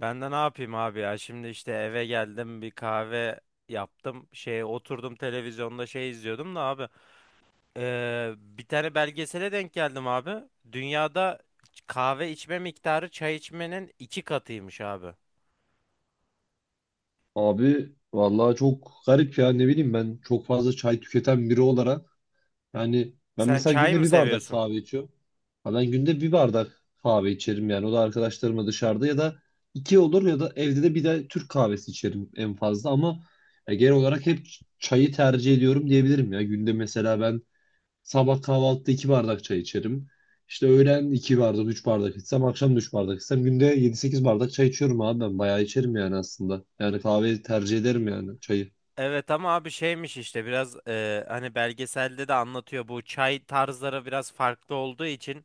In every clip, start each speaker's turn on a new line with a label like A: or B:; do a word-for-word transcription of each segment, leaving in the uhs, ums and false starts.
A: Ben de ne yapayım abi ya? Şimdi işte eve geldim bir kahve yaptım. Şey oturdum televizyonda şey izliyordum da abi. Ee, bir tane belgesele denk geldim abi. Dünyada kahve içme miktarı çay içmenin iki katıymış abi.
B: Abi vallahi çok garip ya, ne bileyim, ben çok fazla çay tüketen biri olarak, yani ben
A: Sen
B: mesela
A: çay
B: günde
A: mı
B: bir bardak
A: seviyorsun?
B: kahve içiyorum. Ha ben günde bir bardak kahve içerim, yani o da arkadaşlarımla dışarıda ya da iki olur, ya da evde de bir de Türk kahvesi içerim en fazla. Ama ya genel olarak hep çayı tercih ediyorum diyebilirim. Ya günde mesela ben Sabah kahvaltıda iki bardak çay içerim. İşte öğlen iki bardak, üç bardak içsem, akşam da üç bardak içsem günde yedi sekiz bardak çay içiyorum abi ben. Bayağı içerim yani aslında. Yani kahveyi tercih ederim yani çayı.
A: Evet ama abi şeymiş işte biraz e, hani belgeselde de anlatıyor bu çay tarzları biraz farklı olduğu için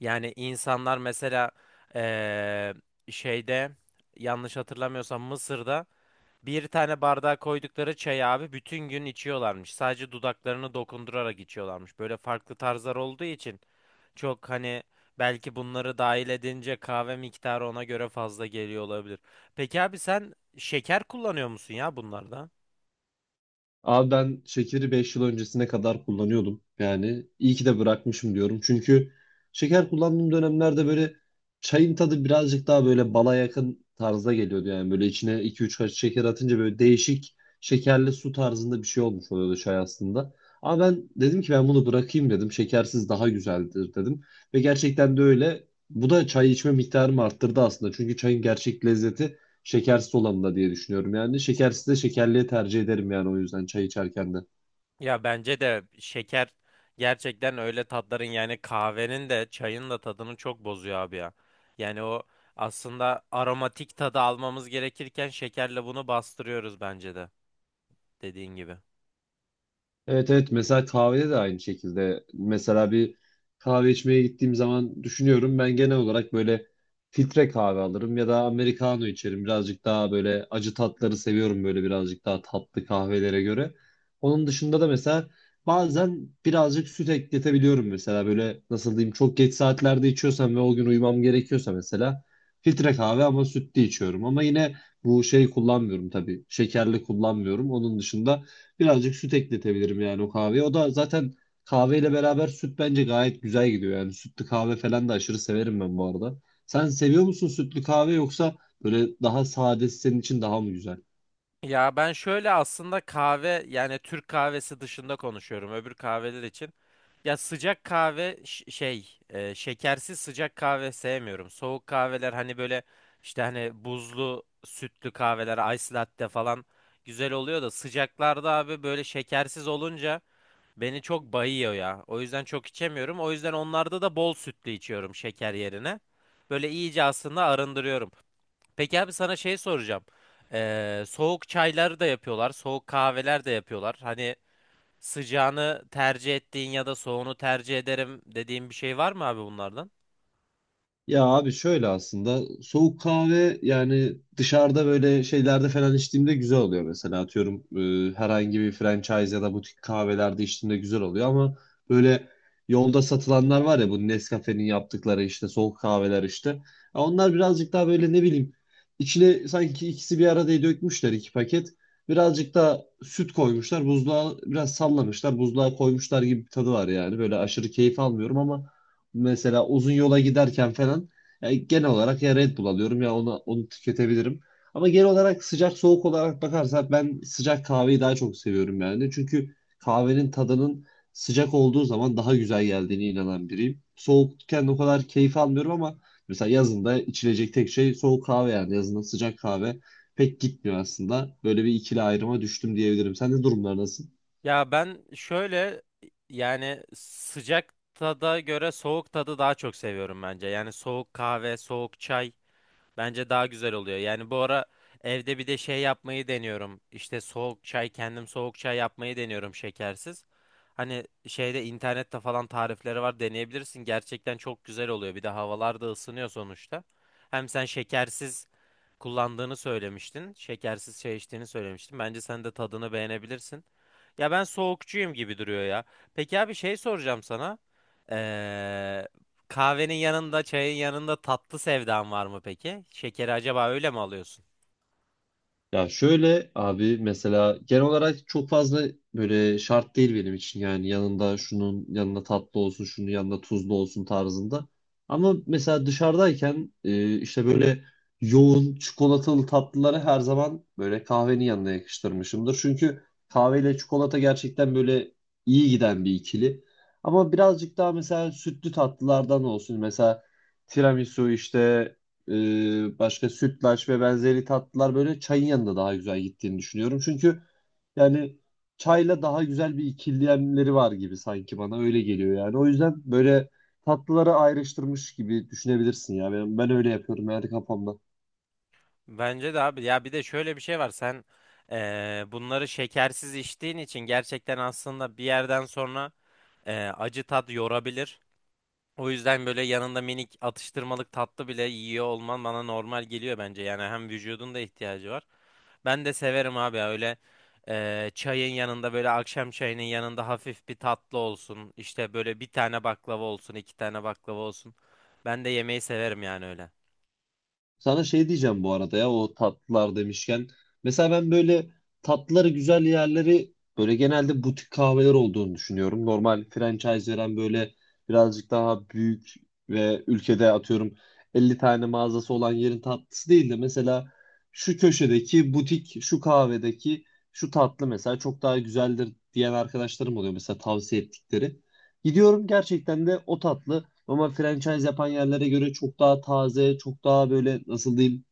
A: yani insanlar mesela e, şeyde yanlış hatırlamıyorsam Mısır'da bir tane bardağa koydukları çayı abi bütün gün içiyorlarmış. Sadece dudaklarını dokundurarak içiyorlarmış. Böyle farklı tarzlar olduğu için çok hani belki bunları dahil edince kahve miktarı ona göre fazla geliyor olabilir. Peki abi sen şeker kullanıyor musun ya bunlarda?
B: Abi ben şekeri beş yıl öncesine kadar kullanıyordum. Yani iyi ki de bırakmışım diyorum. Çünkü şeker kullandığım dönemlerde böyle çayın tadı birazcık daha böyle bala yakın tarzda geliyordu. Yani böyle içine iki üç kaşık şeker atınca böyle değişik şekerli su tarzında bir şey olmuş oluyordu çay aslında. Ama ben dedim ki ben bunu bırakayım dedim. Şekersiz daha güzeldir dedim. Ve gerçekten de öyle. Bu da çay içme miktarımı arttırdı aslında. Çünkü çayın gerçek lezzeti şekersiz olanı da diye düşünüyorum yani. Şekersiz de şekerliye tercih ederim, yani o yüzden çay içerken de.
A: Ya bence de şeker gerçekten öyle tatların yani kahvenin de çayın da tadını çok bozuyor abi ya. Yani o aslında aromatik tadı almamız gerekirken şekerle bunu bastırıyoruz bence de dediğin gibi.
B: Evet evet, mesela kahvede de aynı şekilde. Mesela bir kahve içmeye gittiğim zaman düşünüyorum, ben genel olarak böyle filtre kahve alırım ya da americano içerim. Birazcık daha böyle acı tatları seviyorum, böyle birazcık daha tatlı kahvelere göre. Onun dışında da mesela bazen birazcık süt ekletebiliyorum, mesela böyle nasıl diyeyim, çok geç saatlerde içiyorsam ve o gün uyumam gerekiyorsa mesela filtre kahve ama sütlü içiyorum. Ama yine bu şey kullanmıyorum, tabii şekerli kullanmıyorum. Onun dışında Birazcık süt ekletebilirim yani o kahveye. O da zaten kahveyle beraber süt bence gayet güzel gidiyor yani. Sütlü kahve falan da aşırı severim ben bu arada. Sen seviyor musun sütlü kahve, yoksa böyle daha sadesi senin için daha mı güzel?
A: Ya ben şöyle aslında kahve yani Türk kahvesi dışında konuşuyorum öbür kahveler için. Ya sıcak kahve ş- şey e, şekersiz sıcak kahve sevmiyorum. Soğuk kahveler hani böyle işte hani buzlu sütlü kahveler ice latte falan güzel oluyor da sıcaklarda abi böyle şekersiz olunca beni çok bayıyor ya. O yüzden çok içemiyorum. O yüzden onlarda da bol sütlü içiyorum şeker yerine. Böyle iyice aslında arındırıyorum. Peki abi sana şey soracağım. Ee, soğuk çayları da yapıyorlar, soğuk kahveler de yapıyorlar. Hani sıcağını tercih ettiğin ya da soğuğunu tercih ederim dediğin bir şey var mı abi bunlardan?
B: Ya abi şöyle, aslında soğuk kahve yani dışarıda böyle şeylerde falan içtiğimde güzel oluyor, mesela atıyorum e, herhangi bir franchise ya da butik kahvelerde içtiğimde güzel oluyor. Ama böyle yolda satılanlar var ya, bu Nescafe'nin yaptıkları işte soğuk kahveler işte, Ya onlar birazcık daha böyle, ne bileyim, içine sanki ikisi bir arada dökmüşler, iki paket, birazcık da süt koymuşlar, buzluğa biraz sallamışlar, buzluğa koymuşlar gibi bir tadı var yani. Böyle aşırı keyif almıyorum ama. Mesela uzun yola giderken falan, ya genel olarak ya Red Bull alıyorum ya onu onu tüketebilirim. Ama genel olarak sıcak soğuk olarak bakarsak ben sıcak kahveyi daha çok seviyorum yani. Çünkü kahvenin tadının sıcak olduğu zaman daha güzel geldiğine inanan biriyim. Soğukken o kadar keyif almıyorum, ama mesela yazında içilecek tek şey soğuk kahve yani. Yazında sıcak kahve pek gitmiyor aslında. Böyle bir ikili ayrıma düştüm diyebilirim. Senin de durumlar nasıl?
A: Ya ben şöyle yani sıcak tada göre soğuk tadı daha çok seviyorum bence. Yani soğuk kahve, soğuk çay. Bence daha güzel oluyor. Yani bu ara evde bir de şey yapmayı deniyorum. İşte soğuk çay kendim soğuk çay yapmayı deniyorum şekersiz. Hani şeyde internette falan tarifleri var deneyebilirsin. Gerçekten çok güzel oluyor. Bir de havalar da ısınıyor sonuçta. Hem sen şekersiz kullandığını söylemiştin. Şekersiz çay içtiğini söylemiştin. Bence sen de tadını beğenebilirsin. Ya ben soğukçuyum gibi duruyor ya. Peki abi şey soracağım sana. Ee, Kahvenin yanında, çayın yanında tatlı sevdan var mı peki? Şekeri acaba öyle mi alıyorsun?
B: Ya şöyle abi, mesela genel olarak çok fazla böyle şart değil benim için, yani yanında şunun yanında tatlı olsun, şunun yanında tuzlu olsun tarzında. Ama mesela dışarıdayken e, işte böyle yoğun çikolatalı tatlıları her zaman böyle kahvenin yanına yakıştırmışımdır. Çünkü kahveyle çikolata gerçekten böyle iyi giden bir ikili. Ama birazcık daha mesela sütlü tatlılardan olsun, mesela tiramisu işte, ee, başka sütlaç ve benzeri tatlılar böyle çayın yanında daha güzel gittiğini düşünüyorum. Çünkü yani çayla daha güzel bir ikiliyenleri var gibi, sanki bana öyle geliyor yani. O yüzden böyle tatlıları ayrıştırmış gibi düşünebilirsin ya. Ben, ben öyle yapıyorum yani kafamda.
A: Bence de abi. Ya bir de şöyle bir şey var. Sen eee, bunları şekersiz içtiğin için gerçekten aslında bir yerden sonra eee, acı tat yorabilir. O yüzden böyle yanında minik atıştırmalık tatlı bile yiyor olman bana normal geliyor bence. Yani hem vücudun da ihtiyacı var. Ben de severim abi ya öyle eee, çayın yanında böyle akşam çayının yanında hafif bir tatlı olsun. İşte böyle bir tane baklava olsun, iki tane baklava olsun. Ben de yemeği severim yani öyle.
B: Sana şey diyeceğim bu arada ya, o tatlılar demişken. Mesela ben böyle tatlıları güzel yerleri böyle genelde butik kahveler olduğunu düşünüyorum. Normal franchise veren böyle birazcık daha büyük ve ülkede atıyorum elli tane mağazası olan yerin tatlısı değil de, mesela şu köşedeki butik, şu kahvedeki şu tatlı mesela çok daha güzeldir diyen arkadaşlarım oluyor mesela, tavsiye ettikleri. Gidiyorum, gerçekten de o tatlı ama franchise yapan yerlere göre çok daha taze, çok daha böyle nasıl diyeyim,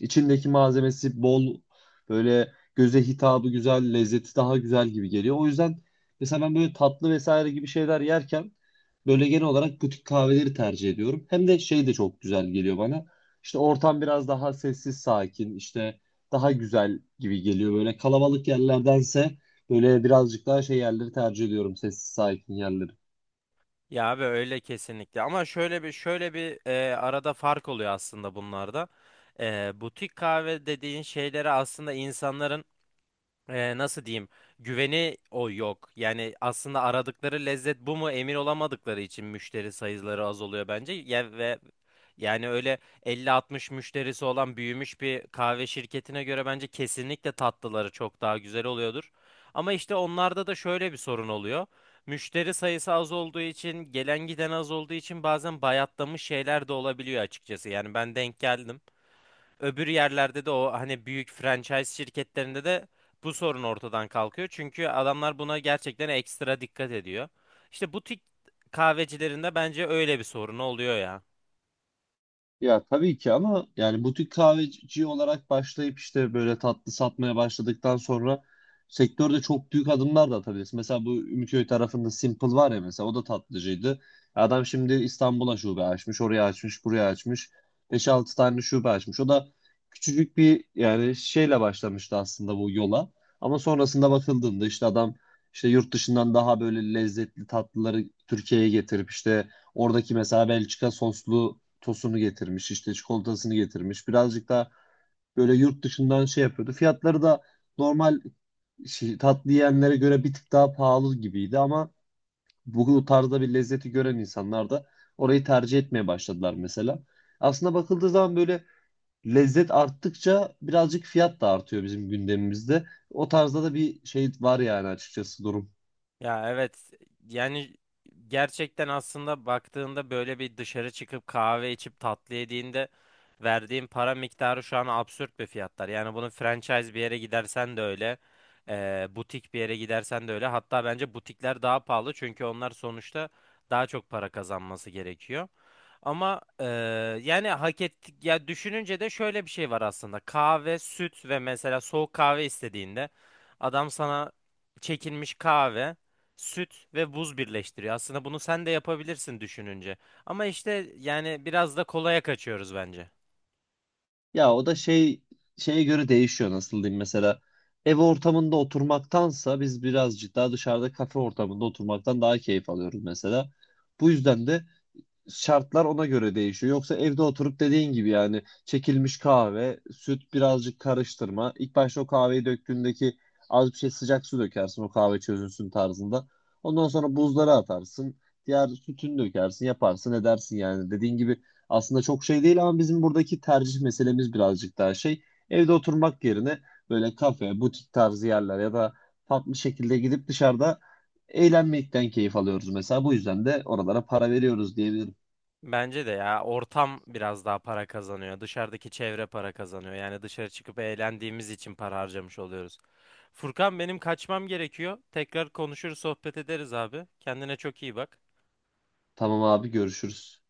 B: içindeki malzemesi bol, böyle göze hitabı güzel, lezzeti daha güzel gibi geliyor. O yüzden mesela ben böyle tatlı vesaire gibi şeyler yerken böyle genel olarak butik kahveleri tercih ediyorum. Hem de şey de çok güzel geliyor bana. İşte ortam biraz daha sessiz, sakin, işte daha güzel gibi geliyor. Böyle kalabalık yerlerdense böyle birazcık daha şey yerleri tercih ediyorum, sessiz, sakin yerleri.
A: Ya abi öyle kesinlikle. Ama şöyle bir şöyle bir eee, arada fark oluyor aslında bunlarda. Eee, butik kahve dediğin şeylere aslında insanların e, nasıl diyeyim güveni o yok. Yani aslında aradıkları lezzet bu mu emin olamadıkları için müşteri sayıları az oluyor bence. Ya, ve yani öyle elli altmış müşterisi olan büyümüş bir kahve şirketine göre bence kesinlikle tatlıları çok daha güzel oluyordur. Ama işte onlarda da şöyle bir sorun oluyor. Müşteri sayısı az olduğu için, gelen giden az olduğu için bazen bayatlamış şeyler de olabiliyor açıkçası. Yani ben denk geldim öbür yerlerde de o hani büyük franchise şirketlerinde de bu sorun ortadan kalkıyor. Çünkü adamlar buna gerçekten ekstra dikkat ediyor. İşte butik kahvecilerinde bence öyle bir sorun oluyor ya.
B: Ya tabii ki, ama yani butik kahveci olarak başlayıp işte böyle tatlı satmaya başladıktan sonra sektörde çok büyük adımlar da atabilirsin. Mesela bu Ümitköy tarafında Simple var ya, mesela o da tatlıcıydı. Adam şimdi İstanbul'a şube açmış, oraya açmış, buraya açmış. beş altı tane şube açmış. O da küçücük bir yani şeyle başlamıştı aslında bu yola. Ama sonrasında bakıldığında, işte adam işte yurt dışından daha böyle lezzetli tatlıları Türkiye'ye getirip işte Oradaki mesela Belçika soslu tosunu getirmiş, işte çikolatasını getirmiş. Birazcık daha böyle yurt dışından şey yapıyordu. Fiyatları da normal şey, tatlı yiyenlere göre bir tık daha pahalı gibiydi, ama bu tarzda bir lezzeti gören insanlar da orayı tercih etmeye başladılar mesela. Aslında bakıldığı zaman böyle lezzet arttıkça birazcık fiyat da artıyor bizim gündemimizde. O tarzda da bir şey var yani, açıkçası durum.
A: Ya evet yani gerçekten aslında baktığında böyle bir dışarı çıkıp kahve içip tatlı yediğinde verdiğin para miktarı şu an absürt bir fiyatlar. Yani bunu franchise bir yere gidersen de öyle, eee, butik bir yere gidersen de öyle. Hatta bence butikler daha pahalı çünkü onlar sonuçta daha çok para kazanması gerekiyor. Ama eee, yani hak ettik ya düşününce de şöyle bir şey var aslında. Kahve, süt ve mesela soğuk kahve istediğinde adam sana çekilmiş kahve, süt ve buz birleştiriyor. Aslında bunu sen de yapabilirsin düşününce. Ama işte yani biraz da kolaya kaçıyoruz bence.
B: Ya o da şey, şeye göre değişiyor, nasıl diyeyim, mesela ev ortamında oturmaktansa biz birazcık daha dışarıda kafe ortamında oturmaktan daha keyif alıyoruz mesela. Bu yüzden de şartlar ona göre değişiyor. Yoksa evde oturup dediğin gibi, yani çekilmiş kahve, süt, birazcık karıştırma. İlk başta o kahveyi döktüğündeki az bir şey sıcak su dökersin, o kahve çözünsün tarzında. Ondan sonra buzlara atarsın. Diğer sütünü dökersin, yaparsın, edersin yani. Dediğin gibi aslında çok şey değil, ama bizim buradaki tercih meselemiz birazcık daha şey. Evde oturmak yerine böyle kafe, butik tarzı yerler ya da farklı şekilde gidip dışarıda eğlenmekten keyif alıyoruz mesela. Bu yüzden de oralara para veriyoruz diyebilirim.
A: Bence de ya ortam biraz daha para kazanıyor. Dışarıdaki çevre para kazanıyor. Yani dışarı çıkıp eğlendiğimiz için para harcamış oluyoruz. Furkan benim kaçmam gerekiyor. Tekrar konuşur sohbet ederiz abi. Kendine çok iyi bak.
B: Tamam abi, görüşürüz.